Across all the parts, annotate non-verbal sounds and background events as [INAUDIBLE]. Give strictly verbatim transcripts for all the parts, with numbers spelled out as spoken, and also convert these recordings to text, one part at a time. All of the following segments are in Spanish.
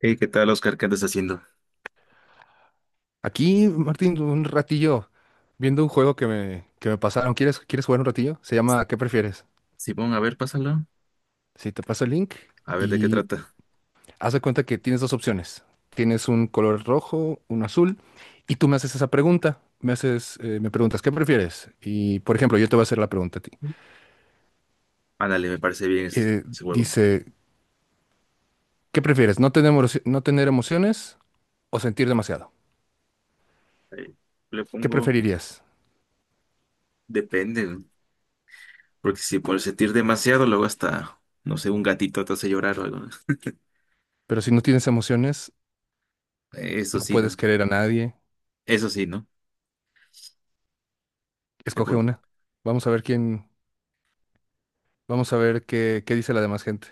Hey, ¿qué tal, Oscar? ¿Qué andas haciendo? Aquí, Martín, un ratillo viendo un juego que me, que me pasaron. ¿Quieres, quieres jugar un ratillo? Se llama ¿Qué prefieres? Simón, a ver, pásalo. Si te paso el link A ver de qué y trata. haz de cuenta que tienes dos opciones. Tienes un color rojo, un azul, y tú me haces esa pregunta. Me haces, eh, me preguntas, ¿qué prefieres? Y, por ejemplo, yo te voy a hacer la pregunta a ti. Ándale, me parece bien ese, Eh, ese juego. dice, ¿qué prefieres? ¿No tener, emoci- no tener emociones o sentir demasiado? Ahí le ¿Qué pongo, preferirías? depende, ¿no? Porque si por sentir demasiado, luego hasta, no sé, un gatito te hace llorar o algo, ¿no? Pero si no tienes emociones, Eso no sí, puedes ¿no? querer a nadie. Eso sí, ¿no? Le Escoge pon- una. Vamos a ver quién. Vamos a ver qué, qué dice la demás gente.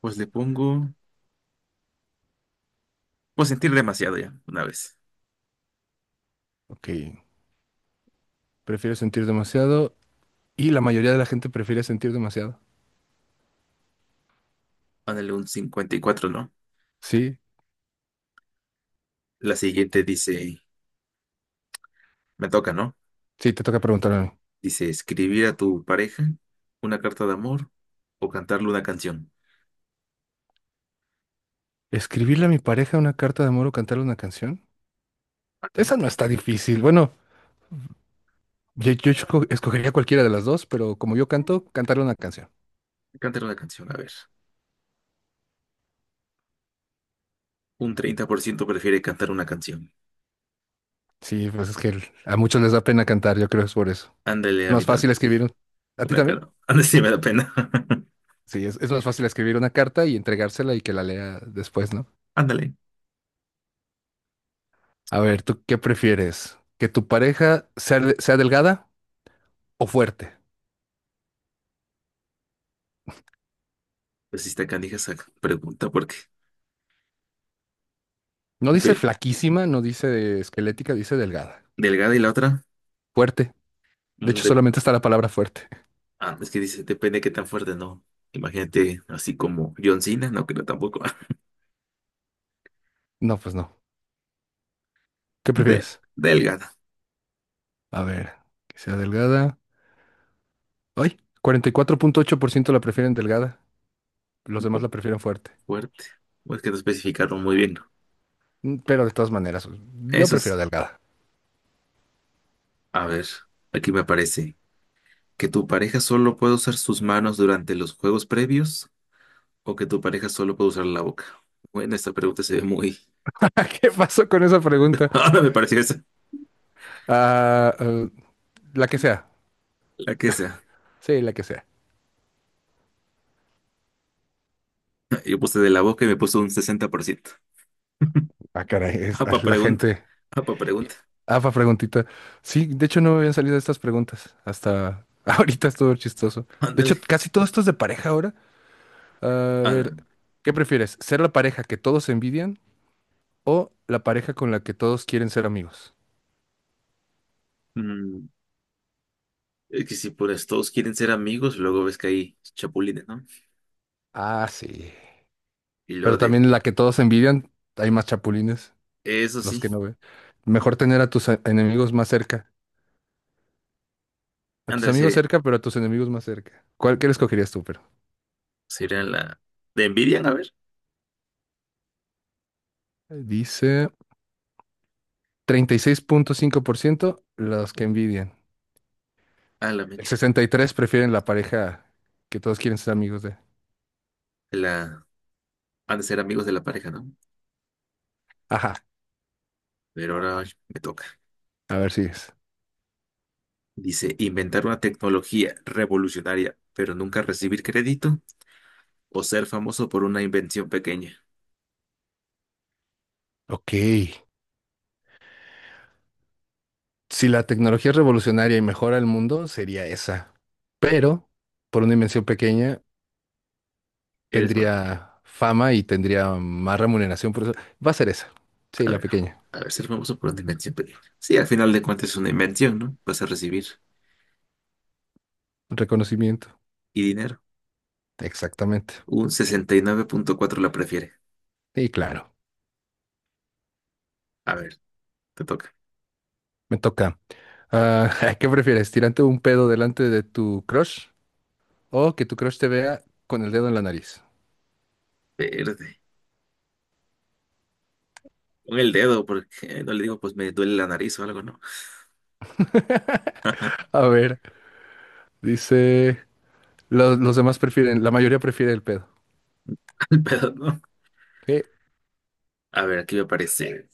pues le pongo, pues sentir demasiado ya, una vez. Ok, prefiero sentir demasiado y la mayoría de la gente prefiere sentir demasiado. Ándale, un cincuenta y cuatro, ¿no? Sí, La siguiente dice, me toca, ¿no? sí, te toca preguntarme a mí. Dice, escribir a tu pareja una carta de amor o cantarle una canción. ¿Escribirle a mi pareja una carta de amor o cantarle una canción? Ándale. Esa no está difícil. Bueno, yo, yo esco- escogería cualquiera de las dos, pero como yo canto, cantarle una canción. Cantar una canción, a ver. Un treinta por ciento prefiere cantar una canción. Sí, pues es que el- a muchos les da pena cantar, yo creo que es por eso. Ándale, Es más Avital. fácil escribir. Un- ¿A ti Una también? cara. [LAUGHS] Ándale, sí me da pena. [LAUGHS] Sí, es, es más fácil escribir una carta y entregársela y que la lea después, ¿no? Ándale. A ver, ¿tú qué prefieres? ¿Que tu pareja sea, de- sea delgada o fuerte? Pues sí está canija esa pregunta porque No dice ve flaquísima, no dice esquelética, dice delgada. delgada y la otra. Fuerte. De mm, hecho, de- solamente está la palabra fuerte. [LAUGHS] ah, es que dice, depende de qué tan fuerte, ¿no? Imagínate así como John Cena, no creo tampoco. [LAUGHS] No, pues no. ¿Qué De, prefieres? delgada. A ver, que sea delgada. ¡Ay! cuarenta y cuatro punto ocho por ciento la prefieren delgada. Los Un demás la poco prefieren fuerte. fuerte. O es que no especificaron muy bien. Mm, pero de todas maneras, pues, yo Eso prefiero es. delgada. A ver, aquí me aparece. ¿Que tu pareja solo puede usar sus manos durante los juegos previos o que tu pareja solo puede usar la boca? Bueno, esta pregunta se ve muy... [LAUGHS] ¿Qué pasó con esa pregunta? [LAUGHS] Ahora me pareció esa, Ah, eh, la que sea. la que sea. Sí, la que sea. Yo puse de la boca y me puso un sesenta por ciento. [LAUGHS] Ah, caray, es, ah, Apa la pregunta, gente. apa Y- pregunta. afa preguntita. Sí, de hecho no me habían salido estas preguntas hasta [LAUGHS] ahorita es todo chistoso. De Ándale. hecho, casi todo esto es de pareja ahora. A Ah, ver, ¿qué prefieres? ¿Ser la pareja que todos envidian o la pareja con la que todos quieren ser amigos? mm, es que si pues todos quieren ser amigos, luego ves que hay chapulines, ¿no? Ah, sí. Y luego Pero de... también la que todos envidian, hay más chapulines, Eso los sí, que no ven. Mejor tener a tus a- enemigos más cerca. A tus ándale, amigos sería, cerca, pero a tus enemigos más cerca. ¿Cuál, qué le escogerías tú, pero? sería la... ¿te envidian? A ver. Dice treinta y seis punto cinco por ciento los que envidian. A la El mecha. sesenta y tres prefieren la pareja que todos quieren ser amigos de. La... Han de ser amigos de la pareja, ¿no? Ajá, Pero ahora me toca. a ver si es. Dice, inventar una tecnología revolucionaria, pero nunca recibir crédito o ser famoso por una invención pequeña. Ok. Si la tecnología es revolucionaria y mejora el mundo, sería esa. Pero, por una dimensión pequeña, Eres más, tendría fama y tendría más remuneración por eso. Va a ser esa. Sí, a la ver, pequeña. a ver, ser famoso por una invención pequeña. Sí, al final de cuentas es una invención, ¿no? Vas a recibir Reconocimiento. y dinero. Exactamente. Un sesenta y nueve punto cuatro la prefiere. Sí, claro. A ver, te toca. Me toca. Ah, [LAUGHS] ¿qué prefieres? ¿Tirarte un pedo delante de tu crush o que tu crush te vea con el dedo en la nariz? Verde. Con el dedo, porque no le digo, pues me duele la nariz o algo, ¿no? A ver, dice. Los, los demás prefieren, la mayoría prefiere el pedo. [LAUGHS] Al pedo, ¿no? Eh, A ver, aquí me aparece.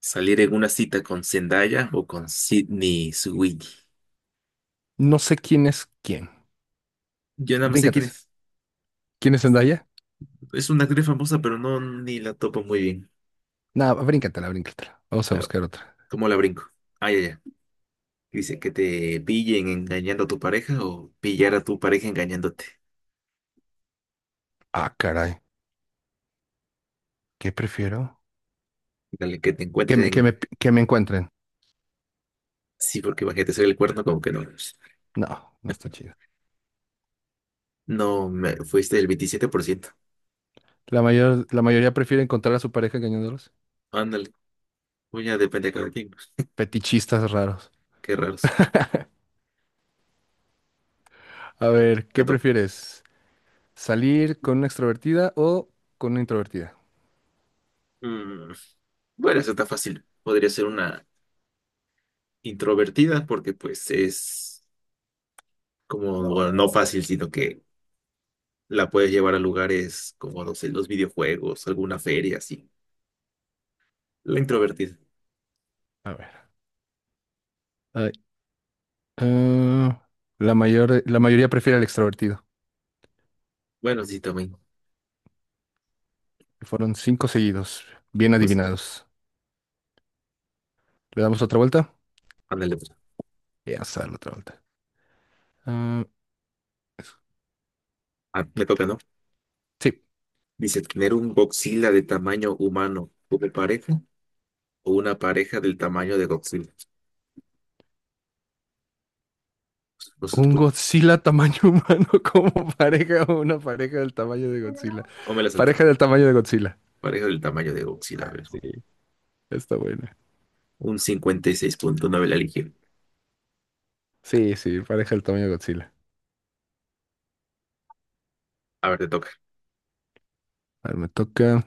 Salir en una cita con Zendaya o con Sydney Sweeney. No sé quién es quién. Yo nada más sé Bríncate quién esa. es. ¿Quién es Zendaya? Es una actriz famosa, pero no ni la topo muy bien. No, bríncatela, bríncatela. Vamos a La- buscar otra. ¿Cómo la brinco? Ay, ay, ay. Dice que te pillen engañando a tu pareja o pillar a tu pareja engañándote. Ah, caray. ¿Qué prefiero? Dale, que te Que me, que encuentren. me, que me encuentren. Sí, porque imagínate, soy el cuerno, como que no. No, no está chido. No, me, fuiste el veintisiete por ciento. La mayor, la mayoría prefiere encontrar a su pareja engañándolos. Ándale, pues ya depende de cada quien, pues. Fetichistas raros. Qué raros. A ver, Te ¿qué toca. prefieres? ¿Salir con una extrovertida o con una introvertida? Mm, bueno, eso está fácil. Podría ser una introvertida porque pues es como, bueno, no fácil, sino que la puedes llevar a lugares como, no sé, los videojuegos, alguna feria, así. La introvertida. A ver. Ay, ah, la mayor, la mayoría prefiere al extrovertido. Bueno, sí, también. Fueron cinco seguidos, bien Pues, adivinados. ¿Le damos otra vuelta? ándale, pues. Ya vamos a darle otra vuelta. Ah, es- Ah, me toca, ¿no? sí, Dice, tener un Godzilla de tamaño humano como pareja o una pareja del tamaño de Godzilla. No sé, un pues, Godzilla tamaño humano [LAUGHS] como pareja o una pareja del tamaño de Godzilla. no me la salto. Pareja del tamaño de Godzilla. Pareja del tamaño de Godzilla, a ver. Sí. Está buena. Un cincuenta y seis punto nueve la eligió. Sí, sí, pareja del tamaño de Godzilla. A ver, te toca. A ver, me toca.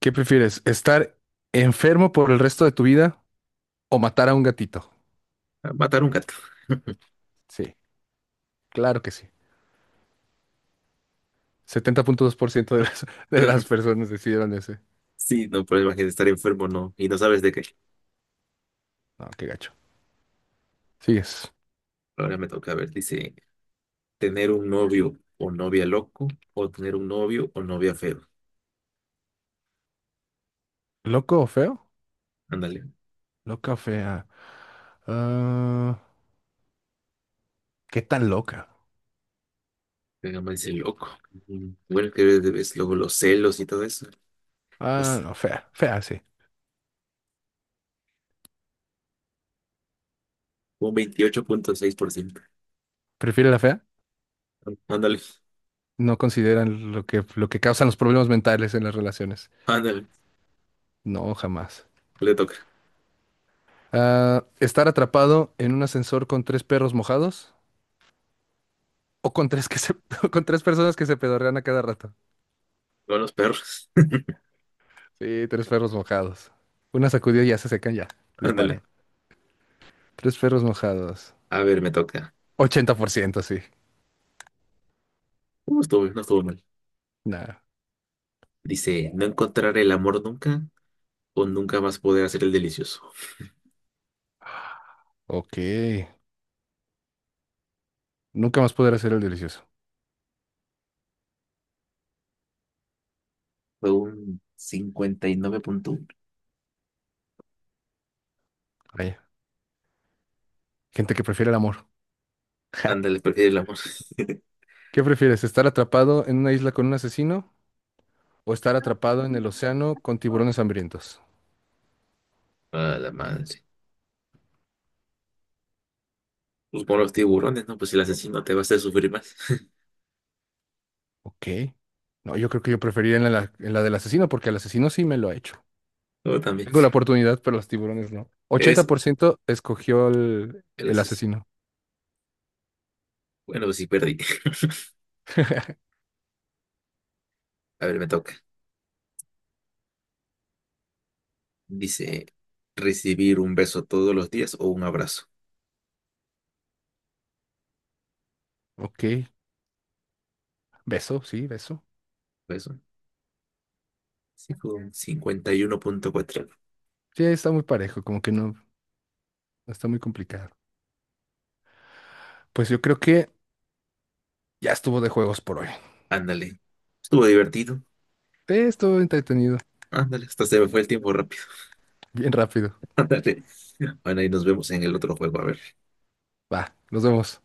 ¿Qué prefieres? ¿Estar enfermo por el resto de tu vida o matar a un gatito? Matar un gato. Sí, claro que sí. setenta punto dos por ciento de las, de las [LAUGHS] personas decidieron ese. Sí, no, pero imagínate estar enfermo, no. Y no sabes de qué. No, qué gacho. ¿Sigues? Ahora me toca, a ver, dice, tener un novio o novia loco o tener un novio o novia feo. ¿Loco o feo? Ándale. Loca o fea. Ah, qué tan loca. Venga, me dice loco. Mm, bueno, que ves luego los celos y todo eso. Ah, Pues, no, fea, fea, sí. un veintiocho punto seis por ciento. ¿Prefiere la fea? Ándale, No consideran lo que, lo que causan los problemas mentales en las relaciones. ándale, No, jamás. le toca. Ah, estar atrapado en un ascensor con tres perros mojados o con tres que se, [LAUGHS] con tres personas que se pedorrean a cada rato. Con los perros. [LAUGHS] Sí, tres perros mojados. Una sacudida y ya se secan, ya. Le Ándale. paran. Tres perros mojados. A ver, me toca. Ochenta por ciento sí. No estuvo, no estuvo mal. Nah. Dice, no encontrar el amor nunca o nunca vas a poder hacer el delicioso. Ok. Nunca más poder hacer el delicioso. Fue un cincuenta y nueve punto uno. Vaya. Gente que prefiere el amor. [LAUGHS] Ándale, prefiere el amor. [LAUGHS] ¿Qué prefieres, estar atrapado en una isla con un asesino o estar atrapado en el océano con tiburones hambrientos? A la madre, sí. Pues con los tiburones, ¿no? Pues el asesino te va a hacer sufrir más. [LAUGHS] Ok. No, yo creo que yo preferiría en la, en la del asesino porque el asesino sí me lo ha hecho. Yo también. Tengo la oportunidad, pero los tiburones no. Es ochenta por ciento escogió el, el el asesino. asesino. Bueno, pues sí, perdí. [LAUGHS] A ver, me toca. Dice, recibir un beso todos los días o un abrazo. Ok. Beso, sí, beso. Beso. Sí, fue un cincuenta y uno punto cuatro. Sí, está muy parejo, como que no, no está muy complicado. Pues yo creo que ya estuvo de juegos por hoy. Ándale. Estuvo divertido. Sí, estuvo entretenido. Ándale, hasta se me fue el tiempo rápido. Bien rápido. [LAUGHS] Ándale. Bueno, y nos vemos en el otro juego, a ver. Va, nos vemos.